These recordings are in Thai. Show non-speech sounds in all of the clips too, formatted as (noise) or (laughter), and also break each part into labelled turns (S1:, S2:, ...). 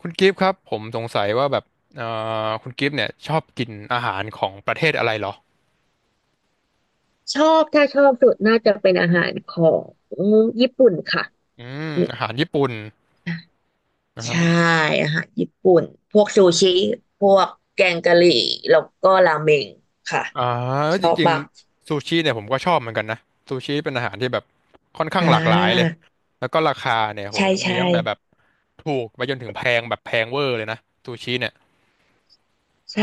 S1: คุณกิฟต์ครับผมสงสัยว่าแบบเอ่คุณกิฟต์เนี่ยชอบกินอาหารของประเทศอะไรเหรอ
S2: ชอบถ้าชอบสุดน่าจะเป็นอาหารของญี่ปุ่นค่ะ
S1: อืม
S2: อืม
S1: อาหารญี่ปุ่นนะครับ
S2: ใช่อาหารญี่ปุ่นพวกซูชิพวกแกงกะหรี่แล้วก็ราเมงค่ะ
S1: อ่า
S2: ช
S1: จ
S2: อบ
S1: ริง
S2: มาก
S1: ๆซูชิเนี่ยผมก็ชอบเหมือนกันนะซูชิเป็นอาหารที่แบบค่อนข้า
S2: อ่
S1: งหลากหลายเลย
S2: า
S1: แล้วก็ราคาเนี่ยโห
S2: ใช่
S1: มี
S2: ใช่
S1: ตั้งแต่แบบถูกไปจนถึงแพงแบบแพงเวอร์เลยนะซูชิเนี่ย
S2: ใช่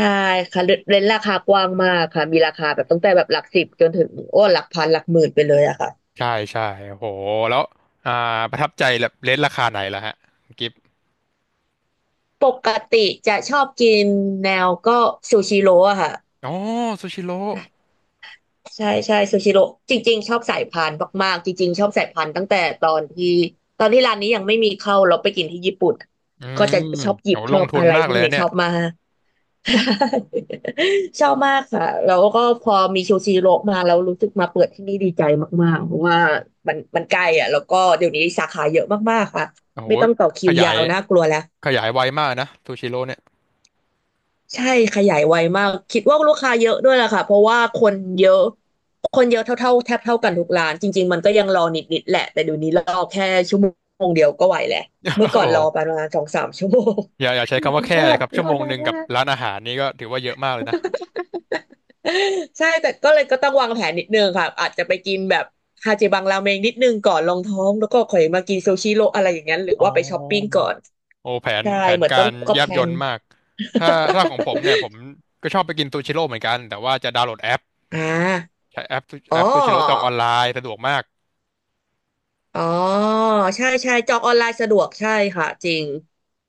S2: ค่ะเรเรนราคากว้างมากค่ะมีราคาแบบตั้งแต่แบบหลักสิบจนถึงโอ้หลักพันหลักหมื่นไปเลยอะค่ะ
S1: ใช่ใช่โหแล้วอ่าประทับใจแบบเลทราคาไหนล่ะฮะคุณกิฟต์
S2: ปกติจะชอบกินแนวก็ซูชิโร่อะค่ะ
S1: อ๋อซูชิโร่
S2: ใช่ใช่ซูชิโร่จริงๆชอบสายพานมากๆจริงๆชอบสายพานตั้งแต่ตอนที่ร้านนี้ยังไม่มีเข้าเราไปกินที่ญี่ปุ่น
S1: อื
S2: ก็
S1: ม
S2: จะชอบหยิบ
S1: โห
S2: ช
S1: ล
S2: อ
S1: ง
S2: บ
S1: ทุน
S2: อะไร
S1: มาก
S2: พ
S1: เล
S2: วก
S1: ยนะ
S2: นี้
S1: เนี่
S2: ช
S1: ย
S2: อบมาก (laughs) ชอบมากค่ะแล้วก็พอมีซูชิโร่มาเรารู้สึกมาเปิดที่นี่ดีใจมากๆเพราะว่ามันใกล้อ่ะแล้วก็เดี๋ยวนี้สาขาเยอะมากๆค่ะ
S1: โอ้โห
S2: ไม่ต้องต่อคิ
S1: ข
S2: ว
S1: ยา
S2: ยา
S1: ย
S2: วน่ากลัวแล้ว
S1: ขยายไวมากนะซูชิโร่เนี่ย
S2: ใช่ขยายไวมากคิดว่าลูกค้าเยอะด้วยแหละค่ะเพราะว่าคนเยอะคนเยอะเท่าๆแทบเท่ากันทุกร้านจริงๆมันก็ยังรอนิดๆแหละแต่เดี๋ยวนี้รอแค่ชั่วโมงเดียวก็ไหวแหละ
S1: (laughs)
S2: เมื่อ
S1: โอ้
S2: ก่อนรอป
S1: โห
S2: ระมาณสองสามชั่วโมง
S1: อย่าอย่าใช้คำว่าแค่
S2: ว่า
S1: เลยครับ
S2: ร
S1: ชั่ว
S2: อ
S1: โมง
S2: นา
S1: ห
S2: น
S1: นึ่งกั
S2: มา
S1: บ
S2: ก
S1: ร้านอาหารนี่ก็ถือว่าเยอะมากเลยนะ
S2: ใช่แต่ก็เลยก็ต้องวางแผนนิดนึงค่ะอาจจะไปกินแบบฮาเจบังราเมงนิดนึงก่อนรองท้องแล้วก็ค่อยมากินซูชิโรอะไรอย่างนั้นหรือ
S1: อ๋อ
S2: ว่าไปช้อปปิ้งก่อน
S1: โอ้แผน
S2: ใช่
S1: แผน
S2: เหมือนต้อ
S1: กา
S2: ง
S1: ร
S2: ก็
S1: แย
S2: แพ
S1: บ
S2: ล
S1: ย
S2: น
S1: ลมาก ถ้าถ้าของผมเนี่ยผมก็ชอบไปกินซูชิโร่เหมือนกัน แต่ว่าจะดาวน์โหลดแอป
S2: (laughs) อ่า
S1: ใช้แอป
S2: อ๋
S1: แอปซูชิโร่จองอ
S2: อ
S1: อนไลน์สะดวกมาก
S2: อ๋อใช่ใช่จองออนไลน์สะดวกใช่ค่ะจริง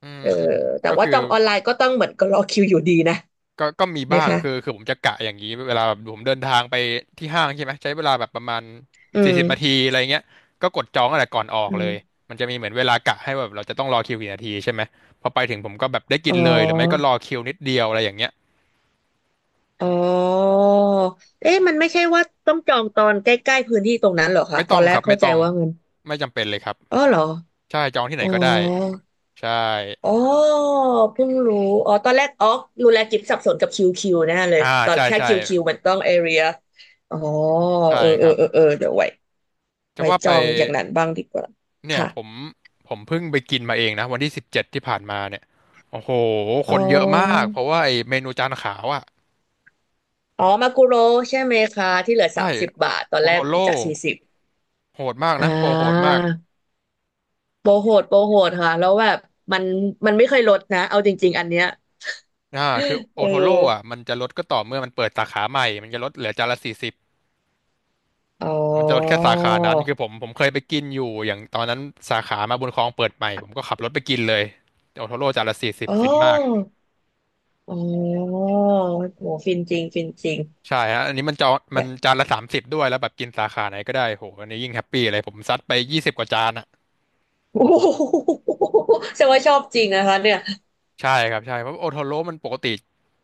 S1: อืม
S2: เออ
S1: อืม
S2: แต่
S1: ก็
S2: ว่า
S1: คือ
S2: จองออนไลน์ก็ต้องเหมือนก็รอคิวอยู่ดีนะ
S1: ก็มี
S2: ไหม
S1: บ้าง
S2: คะ
S1: คือผมจะกะอย่างนี้เวลาแบบผมเดินทางไปที่ห้างใช่ไหมใช้เวลาแบบประมาณ
S2: อื
S1: สี่
S2: ม
S1: สิบนาทีอะไรเงี้ยก็กดจองตั้งแต่ก่อนออก
S2: อื
S1: เลย
S2: ม
S1: มันจะมีเหมือนเวลากะให้แบบเราจะต้องรอคิวกี่นาทีใช่ไหมพอไปถึงผมก็แบบได้กิ
S2: อ๋
S1: นเลยหรือไม่ก็
S2: อ
S1: รอคิวนิดเดียวอะไรอย่างเงี้ย
S2: อ๋อเอ๊ะมันไม่ใช่ว่าต้องจองตอนใกล้ๆพื้นที่ตรงนั้นเหรอคะ
S1: ไม่
S2: ต
S1: ต้
S2: อ
S1: อ
S2: น
S1: ง
S2: แร
S1: ค
S2: ก
S1: รับไม่
S2: เข้าใจ
S1: ต้อง
S2: ว่าเงิน
S1: ไม่จำเป็นเลยครับ
S2: อ๋อเหรอ
S1: ใช่จองที่ไหน
S2: อ๋อ
S1: ก็ได้ใช่
S2: อ๋อเพิ่งรู้อ๋อตอนแรกอ๋อรู้แล้วกิตบสับสนกับคิวคิวแน่เลย
S1: อ่า
S2: ตอน
S1: ใช่
S2: แค่
S1: ใช่
S2: คิวคิวมันต้องเอเรียอ๋อ
S1: ใช่
S2: เออ
S1: ค
S2: เออ
S1: รับ
S2: เออเออเดี๋ยวไว้
S1: จะว่า
S2: จ
S1: ไป
S2: องอย่างนั้นบ้างดีกว่า
S1: เนี่ย
S2: ค่ะ
S1: ผมเพิ่งไปกินมาเองนะวันที่17ที่ผ่านมาเนี่ยโอ้โหค
S2: อ๋อ
S1: นเยอะมากเพราะว่าไอเมนูจานขาวอ่ะ
S2: อ๋อมากุโรใช่ไหมคะที่เหลือ
S1: ใช่
S2: สามสิบบาทตอน
S1: โอ
S2: แร
S1: โท
S2: ก
S1: โร่
S2: จากสี่สิบ
S1: โหดมาก
S2: อ่
S1: นะโปรโหด
S2: า
S1: มาก
S2: โปรโหดโปรโหดค่ะแล้วแบบมันมันไม่เคยลดนะเอาจริงๆอันเนี้ย
S1: คือโอ
S2: เออ
S1: โทโร่อ่ะมันจะลดก็ต่อเมื่อมันเปิดสาขาใหม่มันจะลดเหลือจานละสี่สิบ
S2: อ๋
S1: มันจะลดแค่
S2: อ
S1: สาขานั้นคือผมเคยไปกินอยู่อย่างตอนนั้นสาขามาบุญครองเปิดใหม่ผมก็ขับรถไปกินเลยโอโทโร่จานละสี่สิบ
S2: อ๋อ
S1: ฟินมาก
S2: อ๋อโหฟินจริงฟินจริง
S1: ใช่ฮะอันนี้มั
S2: เนี่
S1: น
S2: ย
S1: จานละ30ด้วยแล้วแบบกินสาขาไหนก็ได้โหอันนี้ยิ่งแฮปปี้เลยผมซัดไป20กว่าจานอ่ะ
S2: (laughs) โอ้โหแสดงว่าชอบจริงนะคะเนี่ย
S1: ใช่ครับใช่เพราะโอโทโร่มันปกติ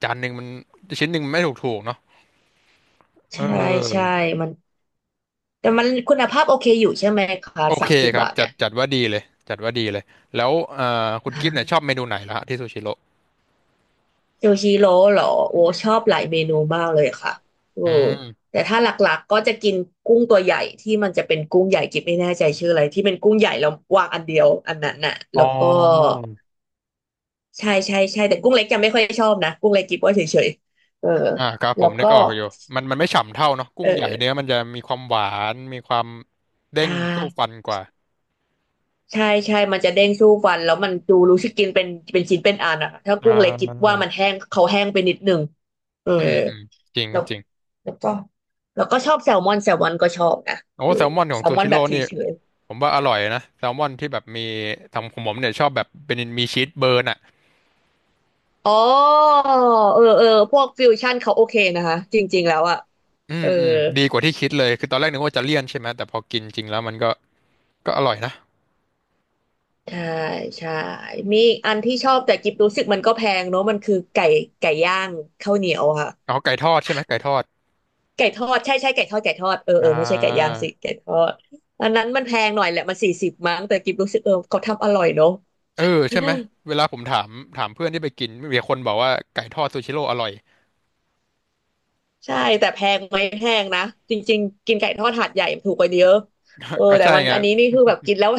S1: จานหนึ่งมันชิ้นหนึ่งมันไม่ถูกเนาะเ
S2: ใช่ใช่
S1: ออ
S2: มันแต่มันคุณภาพโอเคอยู่ใช่ไหมคะ
S1: โอ
S2: สา
S1: เค
S2: มสิบ
S1: ครับ
S2: บาท
S1: จั
S2: เนี่
S1: ด
S2: ย
S1: จัดว่าดีเลยจัดว่าดีเลยแล้วคุณกิฟต์เนี่ยชอบเมนูไหนล่ะฮะที่ซูชิโร่
S2: ซูชิโร่เหรอโอ้ชอบหลายเมนูมากเลยค่ะเออ
S1: อืม
S2: แต่ถ้าหลักๆก็จะกินกุ้งตัวใหญ่ที่มันจะเป็นกุ้งใหญ่กิ๊บไม่แน่ใจชื่ออะไรที่เป็นกุ้งใหญ่แล้ววางอันเดียวอันนั้นน่ะ
S1: อ๋
S2: แล้
S1: อ
S2: วก็ใช่ใช่ใช่แต่กุ้งเล็กจะไม่ค่อยชอบนะกุ้งเล็กกิ๊บว่าเฉยๆเออ
S1: อ่าครับผ
S2: แล้
S1: ม
S2: ว
S1: นึก
S2: ก็
S1: ออกอยู่มันไม่ฉ่ำเท่าเนาะกุ้
S2: เอ
S1: งใหญ่เนื้อ
S2: อ
S1: มันจะมีความหวานมีความเด้
S2: ใช่
S1: งสู้ฟันกว่า
S2: ใช่ใช่มันจะเด้งสู้ฟันแล้วมันดูรู้สึกกินเป็นชิ้นเป็นอันอะถ้า
S1: อ่
S2: กุ้งเล็กกิ๊บว่า
S1: า
S2: มันแห้งเขาแห้งไปนิดนึงเออ
S1: อืมอืมจริงค
S2: แล้
S1: รั
S2: ว
S1: บจริง
S2: แล้วก็แล้วก็ชอบแซลมอนแซลมอนก็ชอบนะ
S1: โอ้
S2: เออ
S1: แซลมอนขอ
S2: แซ
S1: ง
S2: ล
S1: ซู
S2: มอน
S1: ชิ
S2: แบ
S1: โร่
S2: บเฉ
S1: นี่
S2: ย
S1: ผมว่าอร่อยนะแซลมอนที่แบบมีทำของผมเนี่ยชอบแบบเป็นมีชีสเบิร์นอ่ะ
S2: ๆอ๋อเออเออพวกฟิวชั่นเขาโอเคนะคะจริงๆแล้วอะ
S1: อื
S2: เอ
S1: ม
S2: อ
S1: อืมดีกว่าที่คิดเลยคือตอนแรกนึกว่าจะเลี่ยนใช่ไหมแต่พอกินจริงแล้วมันก็อร่อยนะ
S2: ใช่ใช่มีอีกอันที่ชอบแต่กิบรู้สึกมันก็แพงเนอะมันคือไก่ไก่ย่างข้าวเหนียวค่ะ
S1: เอาไก่ทอดใช่ไหมไก่ทอด
S2: ไก่ทอดใช่ใช่ไก่ทอดไก่ทอดเออเอ
S1: อ่า
S2: อไม่ใช่ไก่ย่างสิไก่ทอดอันนั้นมันแพงหน่อยแหละมันสี่สิบมั้งแต่กิบรู้สึกเออเขาทำอร่อยเนอะ
S1: เออใช่ไหมเวลาผมถามเพื่อนที่ไปกินมีคนบอกว่าไก่ทอดซูชิโร่อร่อย
S2: ใช่แต่แพงไหมแพงนะจริงๆกินไก่ทอดหาดใหญ่ถูกกว่าเยอะเออ
S1: (laughs) ก็
S2: แต่
S1: ใช่
S2: มัน
S1: ไง
S2: อันนี้นี่คือแบบกินแล้ว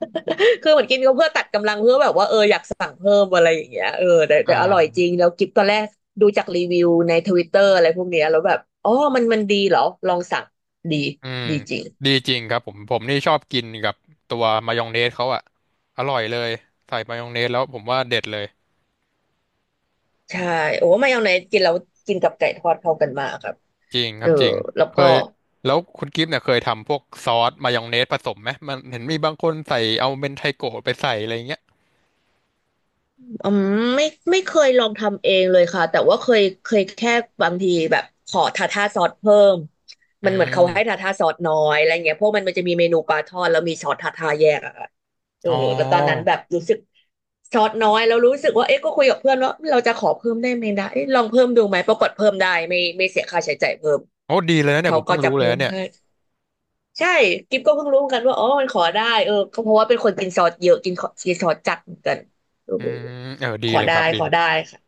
S2: (laughs) คือเหมือนกินก็เพื่อตัดกำลังเพื่อแบบว่าเอออยากสั่งเพิ่มอะไรอย่างเงี้ยเออแต่
S1: อ่
S2: อร่อยจ
S1: า
S2: ริงแล้วกิ๊บตอนแรกดูจากรีวิวในทวิตเตอร์อะไรพวกเนี้ยแล้วแบบอ๋อมันดีเหรอลองสั่งดี
S1: อืม
S2: ดีจริง
S1: ดีจริงครับผมนี่ชอบกินกับตัวมายองเนสเขาอะอร่อยเลยใส่มายองเนสแล้วผมว่าเด็ดเลย
S2: ใช่โอ้มายองเนสกินแล้วกินกับไก่ทอดเข้ากันมากครับ
S1: จริงค
S2: เอ
S1: รั
S2: อ
S1: บจริง
S2: แล้ว
S1: เค
S2: ก็
S1: ยแล้วคุณกิฟต์เนี่ยเคยทำพวกซอสมายองเนสผสมไหมมันเห็นมีบางคนใส่เอาเมนไทโกะไปใส่อะไรอย่างเงี้ย
S2: อืมไม่ไม่เคยลองทำเองเลยค่ะแต่ว่าเคยแค่บางทีแบบขอทาท่าซอสเพิ่ม
S1: อื
S2: มันเหมือนเขาให้
S1: ม
S2: ทาท่าซอสน้อยอะไรเงี้ยเพราะมันจะมีเมนูปลาทอดแล้วมีซอสทาท่าแยกอะค่ะเออ
S1: อ๋
S2: แล้วตอนนั้น
S1: อ
S2: แบบรู้สึกซอสน้อยแล้วรู้สึกว่าเอ๊ะก็คุยกับเพื่อนว่าเราจะขอเพิ่มได้ไหมนะเอ๊ะลองเพิ่มดูไหมปรากฏเพิ่มได้ไม่เสียค่าใช้จ่ายเพิ่ม
S1: โอ้ดีเลยนะเนี่ย
S2: เขา
S1: ผม
S2: ก็
S1: เพิ่ง
S2: จะ
S1: รู้เลย
S2: เพิ่
S1: นะ
S2: ม
S1: เนี่ย
S2: ให้ ใช่กิฟก็เพิ่งรู้เหมือนกันว่าอ๋อมันขอได้เออก็เพราะว่าเป็นคนกินซอสเยอะกินกินซอสจัดเหมือนกันเออ
S1: อืมเออดี
S2: ขอ
S1: เลย
S2: ได้
S1: ครับดี
S2: ขอ
S1: เลย
S2: ได้ค่ะ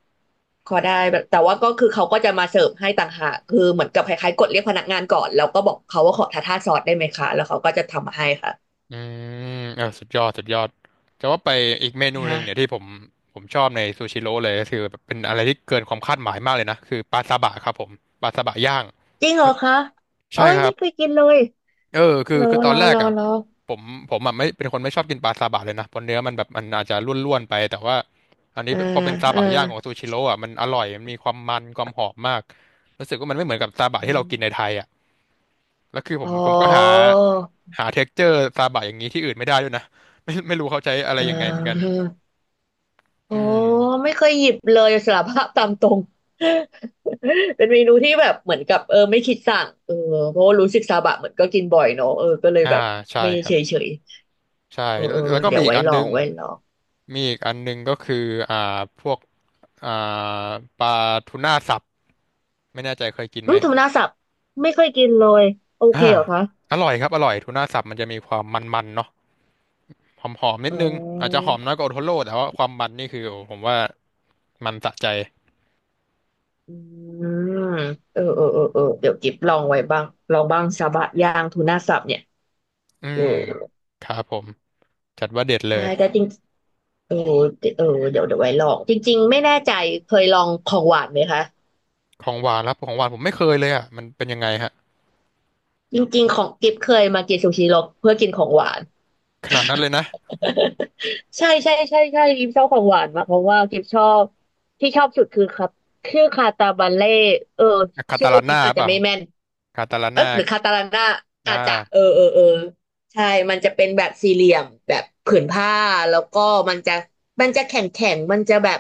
S2: ขอได้แบบแต่ว่าก็คือเขาก็จะมาเสิร์ฟให้ต่างหากคือเหมือนกับคล้ายๆกดเรียกพนักงานก่อนแล้วก็บอกเขาว่าขอทาทาซอสได้ไหมคะแล้วเขาก็จะทำมาให้ค่ะ
S1: อืมเออสุดยอดสุดยอดจะว่าไปอีกเมนูหนึ่
S2: ฮะ
S1: งเนี่ยที่ผมชอบในซูชิโร่เลยก็คือแบบเป็นอะไรที่เกินความคาดหมายมากเลยนะคือปลาซาบะครับผมปลาซาบะย่าง
S2: จริงเหรอคะโอ้
S1: ใช่
S2: ย
S1: ครั
S2: ไม่
S1: บ
S2: เคยกินเลย
S1: เออ
S2: รอ
S1: คือตอ
S2: ร
S1: น
S2: อ
S1: แรก
S2: รอ
S1: อ่ะ
S2: รอ
S1: ผมอ่ะไม่เป็นคนไม่ชอบกินปลาซาบะเลยนะเพราะเนื้อมันแบบมันอาจจะร่วนๆไปแต่ว่าอันนี้
S2: อ่า
S1: พอเป็นซา
S2: อ่า
S1: บะย่างของซูชิโร่อ่ะมันอร่อยมันมีความมันความหอมมากรู้สึกว่ามันไม่เหมือนกับซาบะ
S2: อ
S1: ที่เรากิน
S2: ม
S1: ในไทยอ่ะแล้วคือผม
S2: อ๋อ
S1: ก็หาเท็กเจอร์ซาบะอย่างนี้ที่อื่นไม่ได้ด้วยนะไม่รู้เขาใช้อะไร
S2: อ่
S1: ยังไงเหมือนกัน
S2: า โอ้
S1: อืม
S2: ไม่เคยหยิบเลยสารภาพตามตรง (laughs) เป็นเมนูที่แบบเหมือนกับเออไม่คิดสั่งเออเพราะว่ารู้สึกซาบะเหมือนก็กินบ่อยเนอะเออก็เลย
S1: อ่า
S2: แบบ
S1: ใช่
S2: ไม่
S1: ครั
S2: เฉ
S1: บ
S2: ยเฉย
S1: ใช่
S2: เออ
S1: แล้ว
S2: เออ
S1: แล้วก็
S2: เดี๋ย
S1: มี
S2: ว
S1: อีก
S2: ไว้
S1: อัน
S2: ลอ
S1: นึ
S2: ง
S1: ง
S2: ไว้ลอง
S1: มีอีกอันนึงก็คืออ่าพวกอ่าปลาทูน่าสับไม่แน่ใจเคยกิน
S2: อื
S1: ไหม
S2: มธรนาศับไม่เคยกินเลยโอเค
S1: อ่า
S2: เหรอคะ
S1: อร่อยครับอร่อยทูน่าสับมันจะมีความมันๆเนาะหอมๆนิด
S2: อ๋
S1: นึงอาจจะ
S2: อ
S1: หอมน้อยกว่าโอโทโร่แต่ว่าความมันนี่คือโอ้ผมว่ามันสะใจ
S2: อืมเออเออเออเออเดี๋ยวกิบลองไว้บ้างลองบ้างซาบะย่างทูน่าสับเนี่ย
S1: อื
S2: เออ
S1: มครับผมจัดว่าเด็ดเล
S2: ใช่
S1: ย
S2: แต่จริงเออเออเดี๋ยวเดี๋ยวไว้ลองจริงๆไม่แน่ใจเคยลองของหวานไหมคะ
S1: ของหวานครับของหวานผมไม่เคยเลยอ่ะมันเป็นยังไงฮะ
S2: จริงๆของกิฟเคยมากินซูชิหรอกเพื่อกินของหวาน (laughs)
S1: ขนาดนั้นเลยนะ
S2: ใช่ใช่ใช่ใช่กิฟชอบของหวานมากเพราะว่ากิฟชอบที่ชอบสุดคือครับชื่อคาตาบันเล่เออ
S1: คา
S2: ชื่
S1: ตา
S2: อ
S1: ลา
S2: กิ
S1: น่า
S2: ฟอาจ
S1: เป
S2: จะ
S1: ล่า
S2: ไม่แม่น
S1: คาตาลา
S2: เออ
S1: น่า
S2: หรือคาตาลันน่า
S1: อ่า
S2: อาจจะเออเออเออใช่มันจะเป็นแบบสี่เหลี่ยมแบบผืนผ้าแล้วก็มันจะแข็งแข็งมันจะแบบ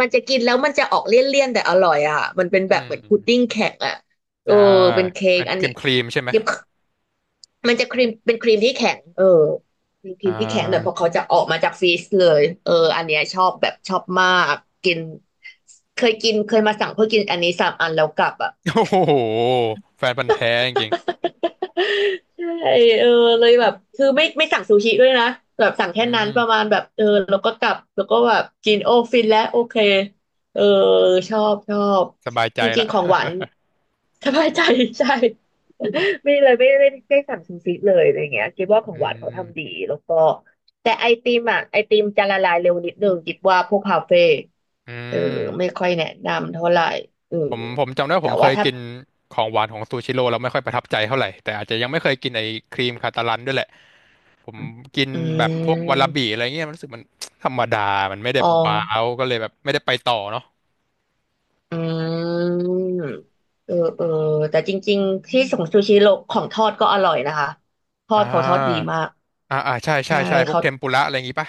S2: มันจะกินแล้วมันจะออกเลี่ยนๆแต่อร่อยอ่ะมันเป็น
S1: อื
S2: แบบเหมือนพุดดิ้
S1: ม
S2: งแข็งอ่ะเออ
S1: อ่า
S2: เป็นเค้ก
S1: เป็น
S2: อัน
S1: ครี
S2: นี้
S1: มใช่ไหม
S2: เก็บ มันจะครีมเป็นครีมที่แข็งเออเป็นครี
S1: อ่
S2: มที่แข็งแต่พอ
S1: า
S2: เขาจะออกมาจากฟรีซเลยเอออันเนี้ยชอบแบบชอบมากกินเคยกินเคยมาสั่งเพื่อกินอันนี้3 อันแล้วกลับอ่ะ
S1: โอ้โหแฟนพันธุ์แท้จริง
S2: ใช่เออเลยแบบคือไม่สั่งซูชิด้วยนะแบบสั่ง
S1: ๆ
S2: แค่
S1: อื
S2: นั้น
S1: ม
S2: ประมาณแบบเออแล้วก็กลับแล้วก็แบบกินโอฟินแล้วโอเคเออชอบชอบ
S1: สบายใจ
S2: จริ
S1: ละ
S2: งๆของหวาน
S1: (laughs)
S2: สบายใจ (laughs) ใช่ (laughs) ไม่เลยไม่ได้สั่งซูชิเลยอะไรเงี้ยคิดว่าขอ
S1: อื
S2: งหวานเขาทำดี
S1: ม
S2: แล้วก็แต่ไอติมอ่ะไอติมจะละลายเร็วนิดนึงคิดว่าพวกคาเฟ่
S1: อื
S2: เออไม่
S1: ม
S2: ค่อยแนะนำเท่าไหร่เออ
S1: ผมจำได้ว่า
S2: แต่
S1: ผมเค
S2: ว่า
S1: ย
S2: ถ้า
S1: กินของหวานของซูชิโร่แล้วไม่ค่อยประทับใจเท่าไหร่แต่อาจจะยังไม่เคยกินไอ้ครีมคาตาลันด้วยแหละผมกิน
S2: อื
S1: แบบพวกวาลาบิ
S2: ม
S1: อะไรเงี้ยมันรู้สึกมัน (tsk) ธรรมดามันไม่ได้
S2: อ๋อ
S1: ว้าวก็เลยแบบไม่ได้ไปต่อเนาะ
S2: อืมเออเออแต่จริงๆที่ของซูชิโรของทอดก็อร่อยนะคะทอ
S1: อ่
S2: ดเขาทอดดี
S1: า
S2: มาก
S1: อ่าอ่าใช่ใช่
S2: ใช่
S1: ใช่พวก
S2: เขา
S1: เทมปุระอะไรอย่างงี้ป่ะ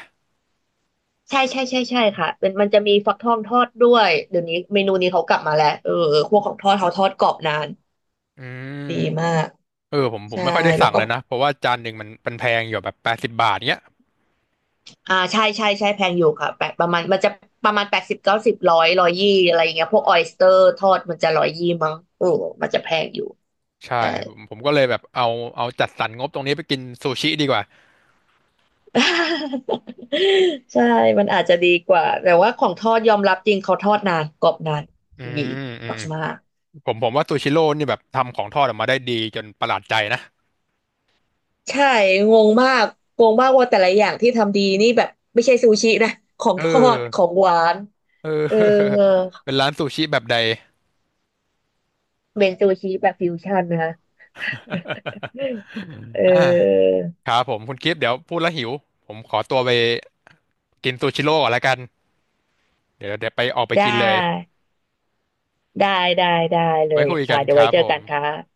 S2: ใช่ใช่ใช่ใช่ค่ะเป็นมันจะมีฟักทองทอดด้วยเดี๋ยวนี้เมนูนี้เขากลับมาแล้วเออเออพวกของทอดเขาทอดกรอบนาน
S1: อืม
S2: ดีมาก
S1: เออผม
S2: ใช่
S1: ไม่ค่อยได้
S2: แล้ว
S1: สั่ง
S2: ก็
S1: เลยนะเพราะว่าจานหนึ่งมันแพงอยู่แบบ80บาทเนี้ย
S2: อ่าใช่ใช่ใช่แพงอยู่ค่ะแปดประมาณมันจะประมาณ80 90ร้อยร้อยยี่อะไรอย่างเงี้ยพวกออยสเตอร์ทอดมันจะร้อยยี่มั้งเออมันจะแพงอยู่
S1: ใช่
S2: ใช่
S1: ผมก็เลยแบบเอาจัดสรรงบตรงนี้ไปกินซูชิดีกว่า
S2: ใช่ มันอาจจะดีกว่า แต่ว่าของทอดยอมรับจริงเขาทอดนานกรอบนาน
S1: อื
S2: ดี
S1: มอืม
S2: มาก
S1: ผมว่าซูชิโร่นี่แบบทำของทอดออกมาได้ดีจนประหลาดใจนะ
S2: ๆใช่งงมากงงมากว่าแต่ละอย่างที่ทำดีนี่แบบไม่ใช่ซูชินะของ
S1: เอ
S2: ทอดขอ
S1: อ
S2: งหวาน
S1: เออ
S2: เออ
S1: (laughs) เป็นร้านซูชิแบบใด
S2: เป็นซูชิแบบฟิวชั่นนะคะเอ
S1: (laughs) อ่า
S2: อ
S1: ครับผมคุณกิฟต์เดี๋ยวพูดแล้วหิวผมขอตัวไปกินซูชิโร่ก่อนละกันเดี๋ยวไปออกไป
S2: ได
S1: กินเลย
S2: ้ได้ได้ได้เล
S1: ไว้
S2: ย
S1: คุย
S2: ค่ะ
S1: กัน
S2: เดี๋ย
S1: ค
S2: วไว้
S1: รับ
S2: เจอ
S1: ผ
S2: กั
S1: ม
S2: นค่ะ